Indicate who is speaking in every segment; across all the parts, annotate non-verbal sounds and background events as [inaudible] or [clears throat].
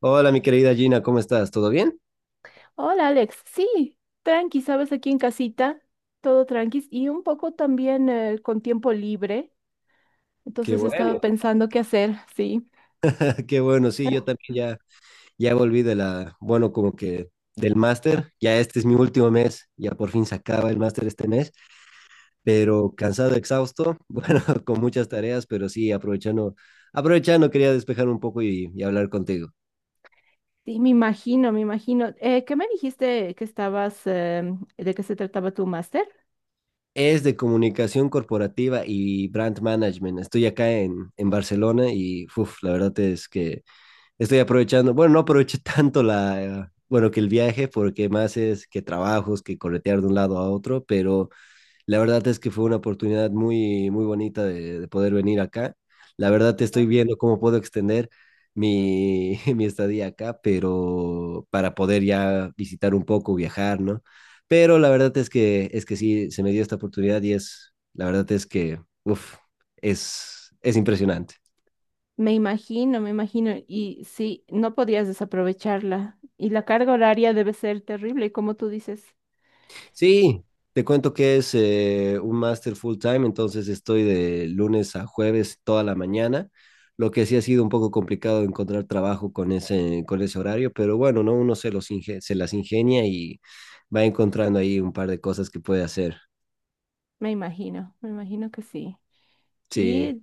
Speaker 1: Hola, mi querida Gina, ¿cómo estás? ¿Todo bien?
Speaker 2: Hola Alex, sí, tranqui, sabes, aquí en casita, todo tranqui y un poco también con tiempo libre,
Speaker 1: Qué
Speaker 2: entonces estaba
Speaker 1: bueno, [laughs]
Speaker 2: pensando qué hacer, sí,
Speaker 1: qué bueno, sí, yo también ya, ya volví de la, bueno, como que del máster. Ya este es mi último mes, ya por fin se acaba el máster este mes, pero cansado, exhausto, [laughs] bueno, con muchas tareas, pero sí, aprovechando, aprovechando, quería despejar un poco y hablar contigo.
Speaker 2: sí, me imagino, me imagino. ¿Qué me dijiste que estabas, de qué se trataba tu máster?
Speaker 1: Es de comunicación corporativa y brand management. Estoy acá en Barcelona y, uff, la verdad es que estoy aprovechando. Bueno, no aproveché [laughs] tanto la, bueno, que el viaje, porque más es que trabajos, que corretear de un lado a otro, pero la verdad es que fue una oportunidad muy, muy bonita de poder venir acá. La verdad, te estoy viendo cómo puedo extender [laughs] mi estadía acá, pero para poder ya visitar un poco, viajar, ¿no? Pero la verdad es que sí, se me dio esta oportunidad y es, la verdad es que, uff, es impresionante.
Speaker 2: Me imagino, me imagino. Y sí, no podías desaprovecharla. Y la carga horaria debe ser terrible, como tú dices.
Speaker 1: Sí, te cuento que es un máster full time. Entonces estoy de lunes a jueves toda la mañana. Lo que sí ha sido un poco complicado encontrar trabajo con ese horario, pero bueno, ¿no? Uno se las ingenia y va encontrando ahí un par de cosas que puede hacer.
Speaker 2: Me imagino que sí.
Speaker 1: Sí,
Speaker 2: Y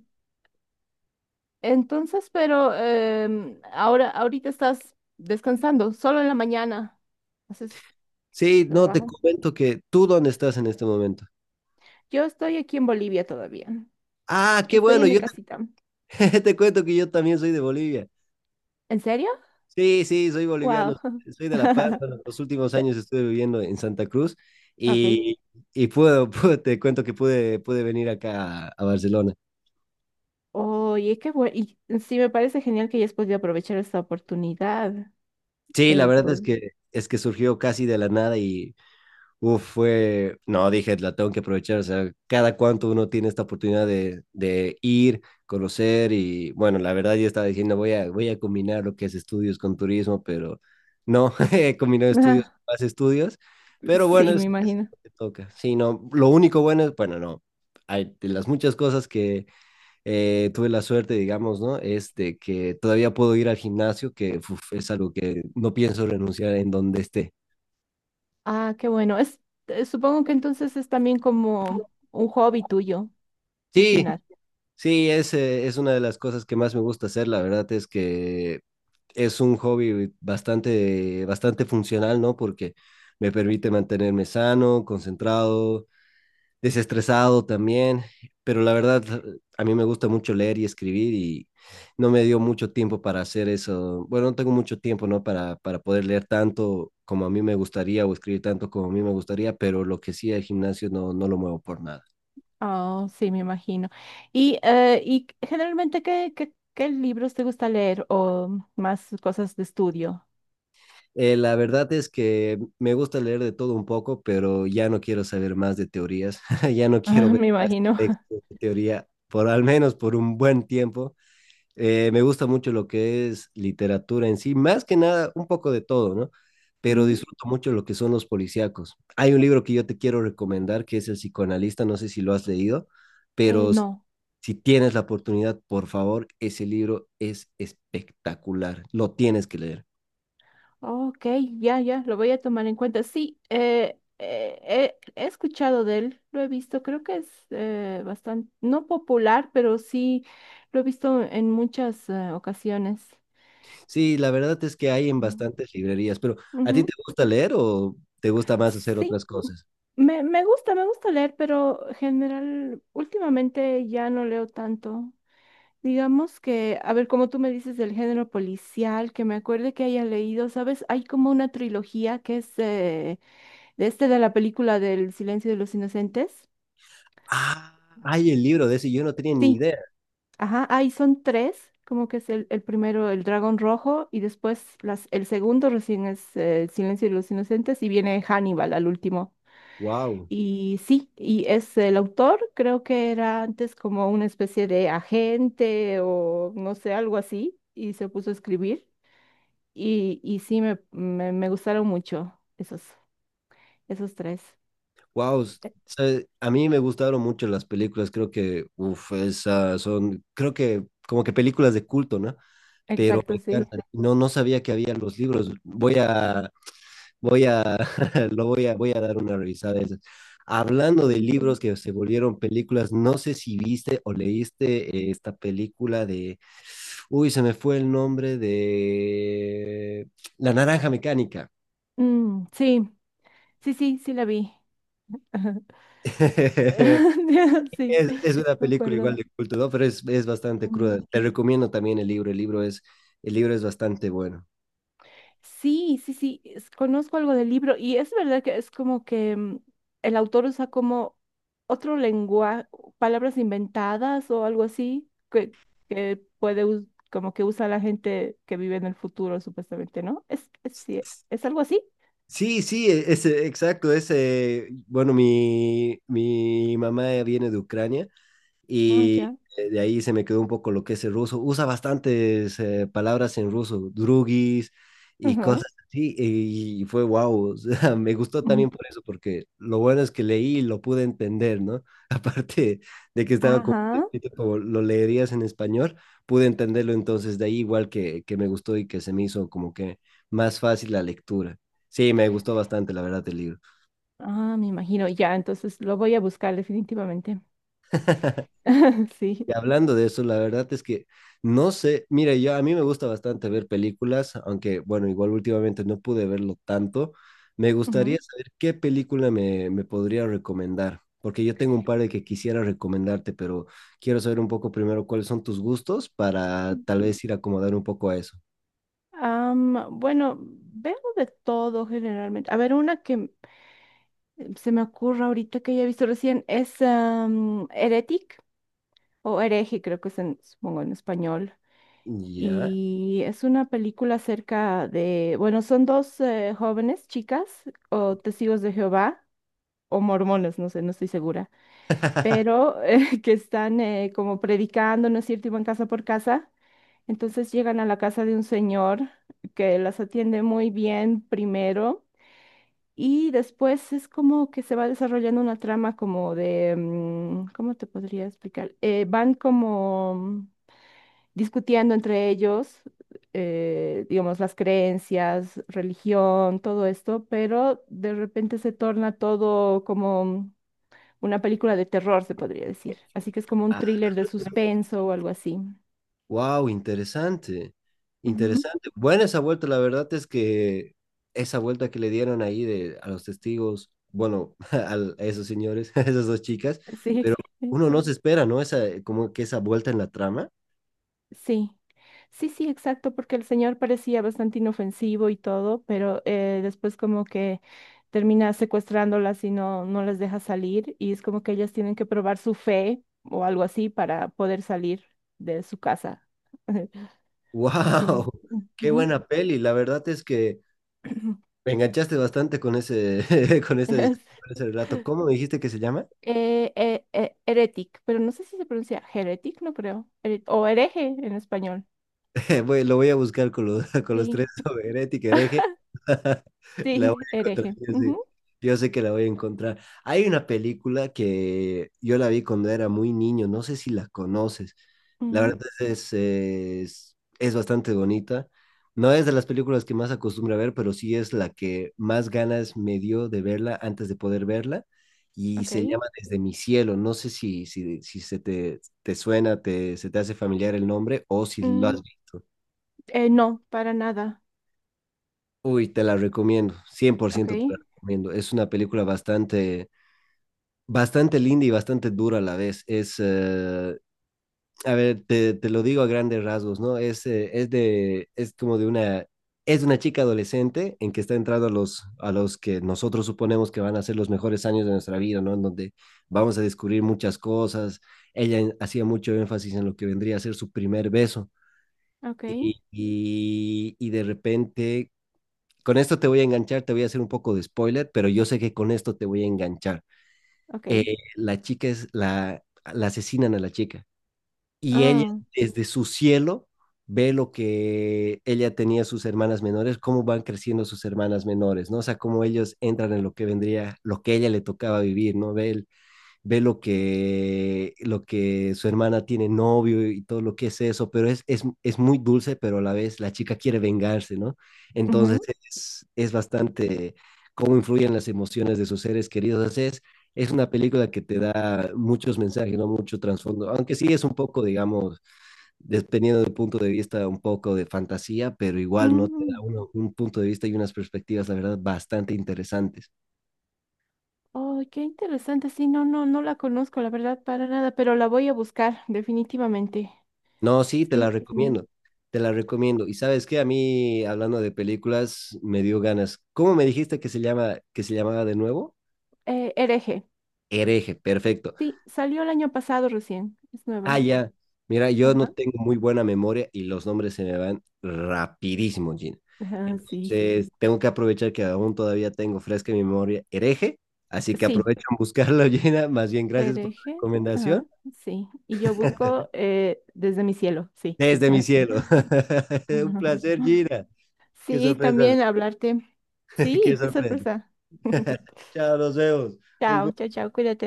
Speaker 2: entonces, pero ahora, ahorita estás descansando, solo en la mañana haces
Speaker 1: sí, no, te
Speaker 2: trabajo.
Speaker 1: comento que tú dónde estás en este momento.
Speaker 2: Yo estoy aquí en Bolivia todavía.
Speaker 1: Ah, qué
Speaker 2: Estoy
Speaker 1: bueno,
Speaker 2: en mi casita.
Speaker 1: [laughs] te cuento que yo también soy de Bolivia.
Speaker 2: ¿En serio?
Speaker 1: Sí, sí, soy boliviano,
Speaker 2: Wow.
Speaker 1: soy de La Paz. Pero
Speaker 2: [laughs]
Speaker 1: los últimos años estuve viviendo en Santa Cruz
Speaker 2: Ok.
Speaker 1: y, y [laughs] te cuento que pude venir acá a Barcelona.
Speaker 2: Oye, qué bueno. Y sí, me parece genial que hayas podido aprovechar esta oportunidad.
Speaker 1: Sí, la
Speaker 2: eh,
Speaker 1: verdad
Speaker 2: por...
Speaker 1: es que surgió casi de la nada y uf, fue, no, dije, la tengo que aprovechar. O sea, cada cuánto uno tiene esta oportunidad de ir, conocer. Y bueno, la verdad, yo estaba diciendo, voy a combinar lo que es estudios con turismo, pero no, [laughs] he combinado
Speaker 2: [laughs]
Speaker 1: estudios
Speaker 2: Ah,
Speaker 1: con más estudios, pero bueno,
Speaker 2: sí, me
Speaker 1: es
Speaker 2: imagino.
Speaker 1: lo que toca. Sí, no, lo único bueno es, bueno, no, hay, de las muchas cosas que tuve la suerte, digamos, ¿no? Es de que todavía puedo ir al gimnasio, que uf, es algo que no pienso renunciar en donde esté.
Speaker 2: Ah, qué bueno. Supongo que entonces es también como un hobby tuyo, el
Speaker 1: Sí,
Speaker 2: gimnasio.
Speaker 1: sí, es una de las cosas que más me gusta hacer. La verdad es que es un hobby bastante, bastante funcional, ¿no? Porque me permite mantenerme sano, concentrado, desestresado también, pero la verdad, a mí me gusta mucho leer y escribir y no me dio mucho tiempo para hacer eso. Bueno, no tengo mucho tiempo, ¿no? Para poder leer tanto como a mí me gustaría o escribir tanto como a mí me gustaría, pero lo que sí, el gimnasio no, no lo muevo por nada.
Speaker 2: Oh, sí, me imagino. Y generalmente, ¿qué libros te gusta leer o más cosas de estudio? [laughs]
Speaker 1: La verdad es que me gusta leer de todo un poco, pero ya no quiero saber más de teorías. [laughs] Ya no quiero
Speaker 2: Ah,
Speaker 1: ver
Speaker 2: me imagino. [laughs]
Speaker 1: textos de teoría, por al menos por un buen tiempo. Me gusta mucho lo que es literatura en sí, más que nada un poco de todo, ¿no? Pero
Speaker 2: Ujú.
Speaker 1: disfruto mucho lo que son los policíacos. Hay un libro que yo te quiero recomendar que es El Psicoanalista, no sé si lo has leído, pero
Speaker 2: No.
Speaker 1: si tienes la oportunidad, por favor, ese libro es espectacular, lo tienes que leer.
Speaker 2: Ok, ya, lo voy a tomar en cuenta. Sí, he escuchado de él, lo he visto, creo que es bastante, no popular, pero sí lo he visto en muchas ocasiones.
Speaker 1: Sí, la verdad es que hay en
Speaker 2: Mm.
Speaker 1: bastantes librerías, pero ¿a ti te
Speaker 2: Ujú.
Speaker 1: gusta leer o te gusta más hacer
Speaker 2: Sí,
Speaker 1: otras cosas?
Speaker 2: me gusta leer, pero general, últimamente ya no leo tanto. Digamos que, a ver, como tú me dices del género policial, que me acuerde que haya leído, ¿sabes? Hay como una trilogía que es… de este de la película del Silencio de los Inocentes.
Speaker 1: Ah, hay el libro de ese, yo no tenía ni
Speaker 2: Sí,
Speaker 1: idea.
Speaker 2: ajá, ahí son tres, como que es el primero el dragón rojo y después las, el segundo recién es El Silencio de los Inocentes y viene Hannibal al último.
Speaker 1: Wow,
Speaker 2: Y sí, y es el autor, creo que era antes como una especie de agente o no sé, algo así, y se puso a escribir. Y sí, me gustaron mucho esos, esos tres.
Speaker 1: wow.
Speaker 2: E-
Speaker 1: A mí me gustaron mucho las películas, creo que, uff, esas son, creo que como que películas de culto, ¿no? Pero me
Speaker 2: Exacto, sí.
Speaker 1: encantan. No, no sabía que había los libros. Voy a, voy a [laughs] voy a dar una revisada de esas. Hablando de
Speaker 2: Sí.
Speaker 1: libros que se volvieron películas, no sé si viste o leíste esta película de, uy, se me fue el nombre de La Naranja Mecánica.
Speaker 2: Mm, sí, sí, sí, sí la vi. Ajá.
Speaker 1: [laughs]
Speaker 2: [laughs] Sí,
Speaker 1: Es una
Speaker 2: me
Speaker 1: película
Speaker 2: acuerdo.
Speaker 1: igual de culto, ¿no? Pero es bastante
Speaker 2: Mm.
Speaker 1: cruda. Te recomiendo también el libro es bastante bueno.
Speaker 2: Sí, conozco algo del libro y es verdad que es como que el autor usa como otro lenguaje, palabras inventadas o algo así que puede, como que usa la gente que vive en el futuro, supuestamente, ¿no? ¿Es, es algo así?
Speaker 1: Sí, sí, ese, exacto, ese, bueno, mi mamá viene de Ucrania
Speaker 2: Ah,
Speaker 1: y
Speaker 2: ya.
Speaker 1: de ahí se me quedó un poco lo que es el ruso. Usa bastantes palabras en ruso, drugis y
Speaker 2: Ajá.
Speaker 1: cosas así, y fue wow, [laughs] o sea, me gustó
Speaker 2: Mm.
Speaker 1: también por eso, porque lo bueno es que leí y lo pude entender, ¿no? [laughs] Aparte de que estaba como
Speaker 2: Ajá.
Speaker 1: escrito como lo leerías en español, pude entenderlo, entonces de ahí igual que me gustó y que se me hizo como que más fácil la lectura. Sí, me gustó bastante, la verdad, el libro.
Speaker 2: Ah, me imagino, ya, entonces lo voy a buscar definitivamente.
Speaker 1: [laughs]
Speaker 2: [laughs]
Speaker 1: Y
Speaker 2: Sí.
Speaker 1: hablando de eso, la verdad es que no sé, mira, yo a mí me gusta bastante ver películas, aunque bueno, igual últimamente no pude verlo tanto. Me gustaría
Speaker 2: Ujú.
Speaker 1: saber qué película me, me podría recomendar, porque yo tengo un par de que quisiera recomendarte, pero quiero saber un poco primero cuáles son tus gustos para tal vez ir a acomodar un poco a eso.
Speaker 2: Bueno, veo de todo generalmente. A ver, una que se me ocurre ahorita que haya visto recién es Heretic o Hereje, creo que es en, supongo en español.
Speaker 1: Ya.
Speaker 2: Y es una película acerca de, bueno, son dos jóvenes chicas o testigos de Jehová o mormones, no sé, no estoy segura, pero [laughs] que están como predicando, ¿no es cierto? Y van casa por casa. Entonces llegan a la casa de un señor que las atiende muy bien primero. Y después es como que se va desarrollando una trama como de, ¿cómo te podría explicar? Van como discutiendo entre ellos, digamos, las creencias, religión, todo esto, pero de repente se torna todo como una película de terror, se podría decir. Así que es como un thriller de suspenso o algo así.
Speaker 1: Wow, interesante,
Speaker 2: Ujú,
Speaker 1: interesante. Buena esa vuelta, la verdad es que esa vuelta que le dieron ahí de, a los testigos, bueno, [laughs] a esos señores, [laughs] a esas dos chicas,
Speaker 2: sí.
Speaker 1: pero uno
Speaker 2: [laughs]
Speaker 1: no se espera, ¿no? Esa, como que esa vuelta en la trama. [laughs]
Speaker 2: Sí, sí, sí, exacto, porque el señor parecía bastante inofensivo y todo, pero después como que termina secuestrándolas y no, no las deja salir y es como que ellas tienen que probar su fe o algo así para poder salir de su casa. [laughs] Sí.
Speaker 1: Wow, qué
Speaker 2: Ujú.
Speaker 1: buena peli. La verdad es que
Speaker 2: [clears throat]
Speaker 1: me enganchaste bastante con ese, [laughs] con ese, con ese relato. ¿Cómo me dijiste que se llama?
Speaker 2: Heretic, pero no sé si se pronuncia heretic, no creo, o hereje en español.
Speaker 1: [laughs] Lo voy a buscar con los, [laughs] con los
Speaker 2: Sí,
Speaker 1: tres, sobre herética, hereje.
Speaker 2: [laughs]
Speaker 1: [laughs] La voy
Speaker 2: sí,
Speaker 1: a encontrar,
Speaker 2: hereje. Ujú,
Speaker 1: yo sé que la voy a encontrar. Hay una película que yo la vi cuando era muy niño, no sé si la conoces. La
Speaker 2: ujú,
Speaker 1: verdad es bastante bonita. No es de las películas que más acostumbro a ver, pero sí es la que más ganas me dio de verla antes de poder verla. Y
Speaker 2: ok.
Speaker 1: se llama Desde Mi Cielo. No sé si se te, te suena, te, se te hace familiar el nombre o si lo has
Speaker 2: Mm,
Speaker 1: visto.
Speaker 2: No, para nada.
Speaker 1: Uy, te la recomiendo, cien por
Speaker 2: Ok,
Speaker 1: ciento te la recomiendo. Es una película bastante, bastante linda y bastante dura a la vez. Es, a ver, te lo digo a grandes rasgos, ¿no? Es, es como de una, es de una chica adolescente en que está entrando a los que nosotros suponemos que van a ser los mejores años de nuestra vida, ¿no? En donde vamos a descubrir muchas cosas. Ella hacía mucho énfasis en lo que vendría a ser su primer beso.
Speaker 2: ok,
Speaker 1: Y de repente, con esto te voy a enganchar, te voy a hacer un poco de spoiler, pero yo sé que con esto te voy a enganchar.
Speaker 2: ok.
Speaker 1: Eh, la chica es la, la asesinan a la chica y ella
Speaker 2: Ah,
Speaker 1: desde su cielo ve lo que ella tenía sus hermanas menores, cómo van creciendo sus hermanas menores, ¿no? O sea, cómo ellos entran en lo que vendría, lo que ella le tocaba vivir, ¿no? Ve lo que su hermana tiene novio y todo lo que es eso, pero es muy dulce, pero a la vez la chica quiere vengarse, ¿no? Entonces
Speaker 2: ujú,
Speaker 1: es bastante cómo influyen las emociones de sus seres queridos. O sea, es una película que te da muchos mensajes, ¿no? Mucho trasfondo, aunque sí es un poco, digamos, dependiendo del punto de vista, un poco de fantasía, pero igual, ¿no? Te da
Speaker 2: mm,
Speaker 1: un punto de vista y unas perspectivas, la verdad, bastante interesantes.
Speaker 2: oh, qué interesante. Sí, no, no, no la conozco, la verdad, para nada, pero la voy a buscar, definitivamente.
Speaker 1: No, sí, te la
Speaker 2: Sí,
Speaker 1: recomiendo, te la recomiendo. Y sabes qué, a mí, hablando de películas, me dio ganas. ¿Cómo me dijiste que se llama, que se llamaba de nuevo?
Speaker 2: hereje.
Speaker 1: Hereje, perfecto.
Speaker 2: Sí, salió el año pasado recién. Es
Speaker 1: Ah,
Speaker 2: nueva.
Speaker 1: ya. Mira, yo no
Speaker 2: Ajá,
Speaker 1: tengo muy buena memoria y los nombres se me van rapidísimo, Gina.
Speaker 2: ajá, sí.
Speaker 1: Entonces, tengo que aprovechar que aún todavía tengo fresca en mi memoria Hereje, así que
Speaker 2: Sí,
Speaker 1: aprovecho en buscarlo, [laughs] Gina. Más bien, gracias por la
Speaker 2: hereje.
Speaker 1: recomendación.
Speaker 2: Ajá, sí. Y yo
Speaker 1: [laughs]
Speaker 2: busco desde mi cielo, sí.
Speaker 1: Desde mi
Speaker 2: [laughs]
Speaker 1: cielo. [laughs] Un placer,
Speaker 2: [laughs]
Speaker 1: Gina. Qué
Speaker 2: Sí,
Speaker 1: sorpresa,
Speaker 2: también hablarte.
Speaker 1: [laughs] qué
Speaker 2: Sí, qué
Speaker 1: sorpresa.
Speaker 2: sorpresa.
Speaker 1: [laughs]
Speaker 2: [laughs]
Speaker 1: Chao, nos vemos. Un
Speaker 2: Chao, chao,
Speaker 1: gusto.
Speaker 2: chao, cuídate.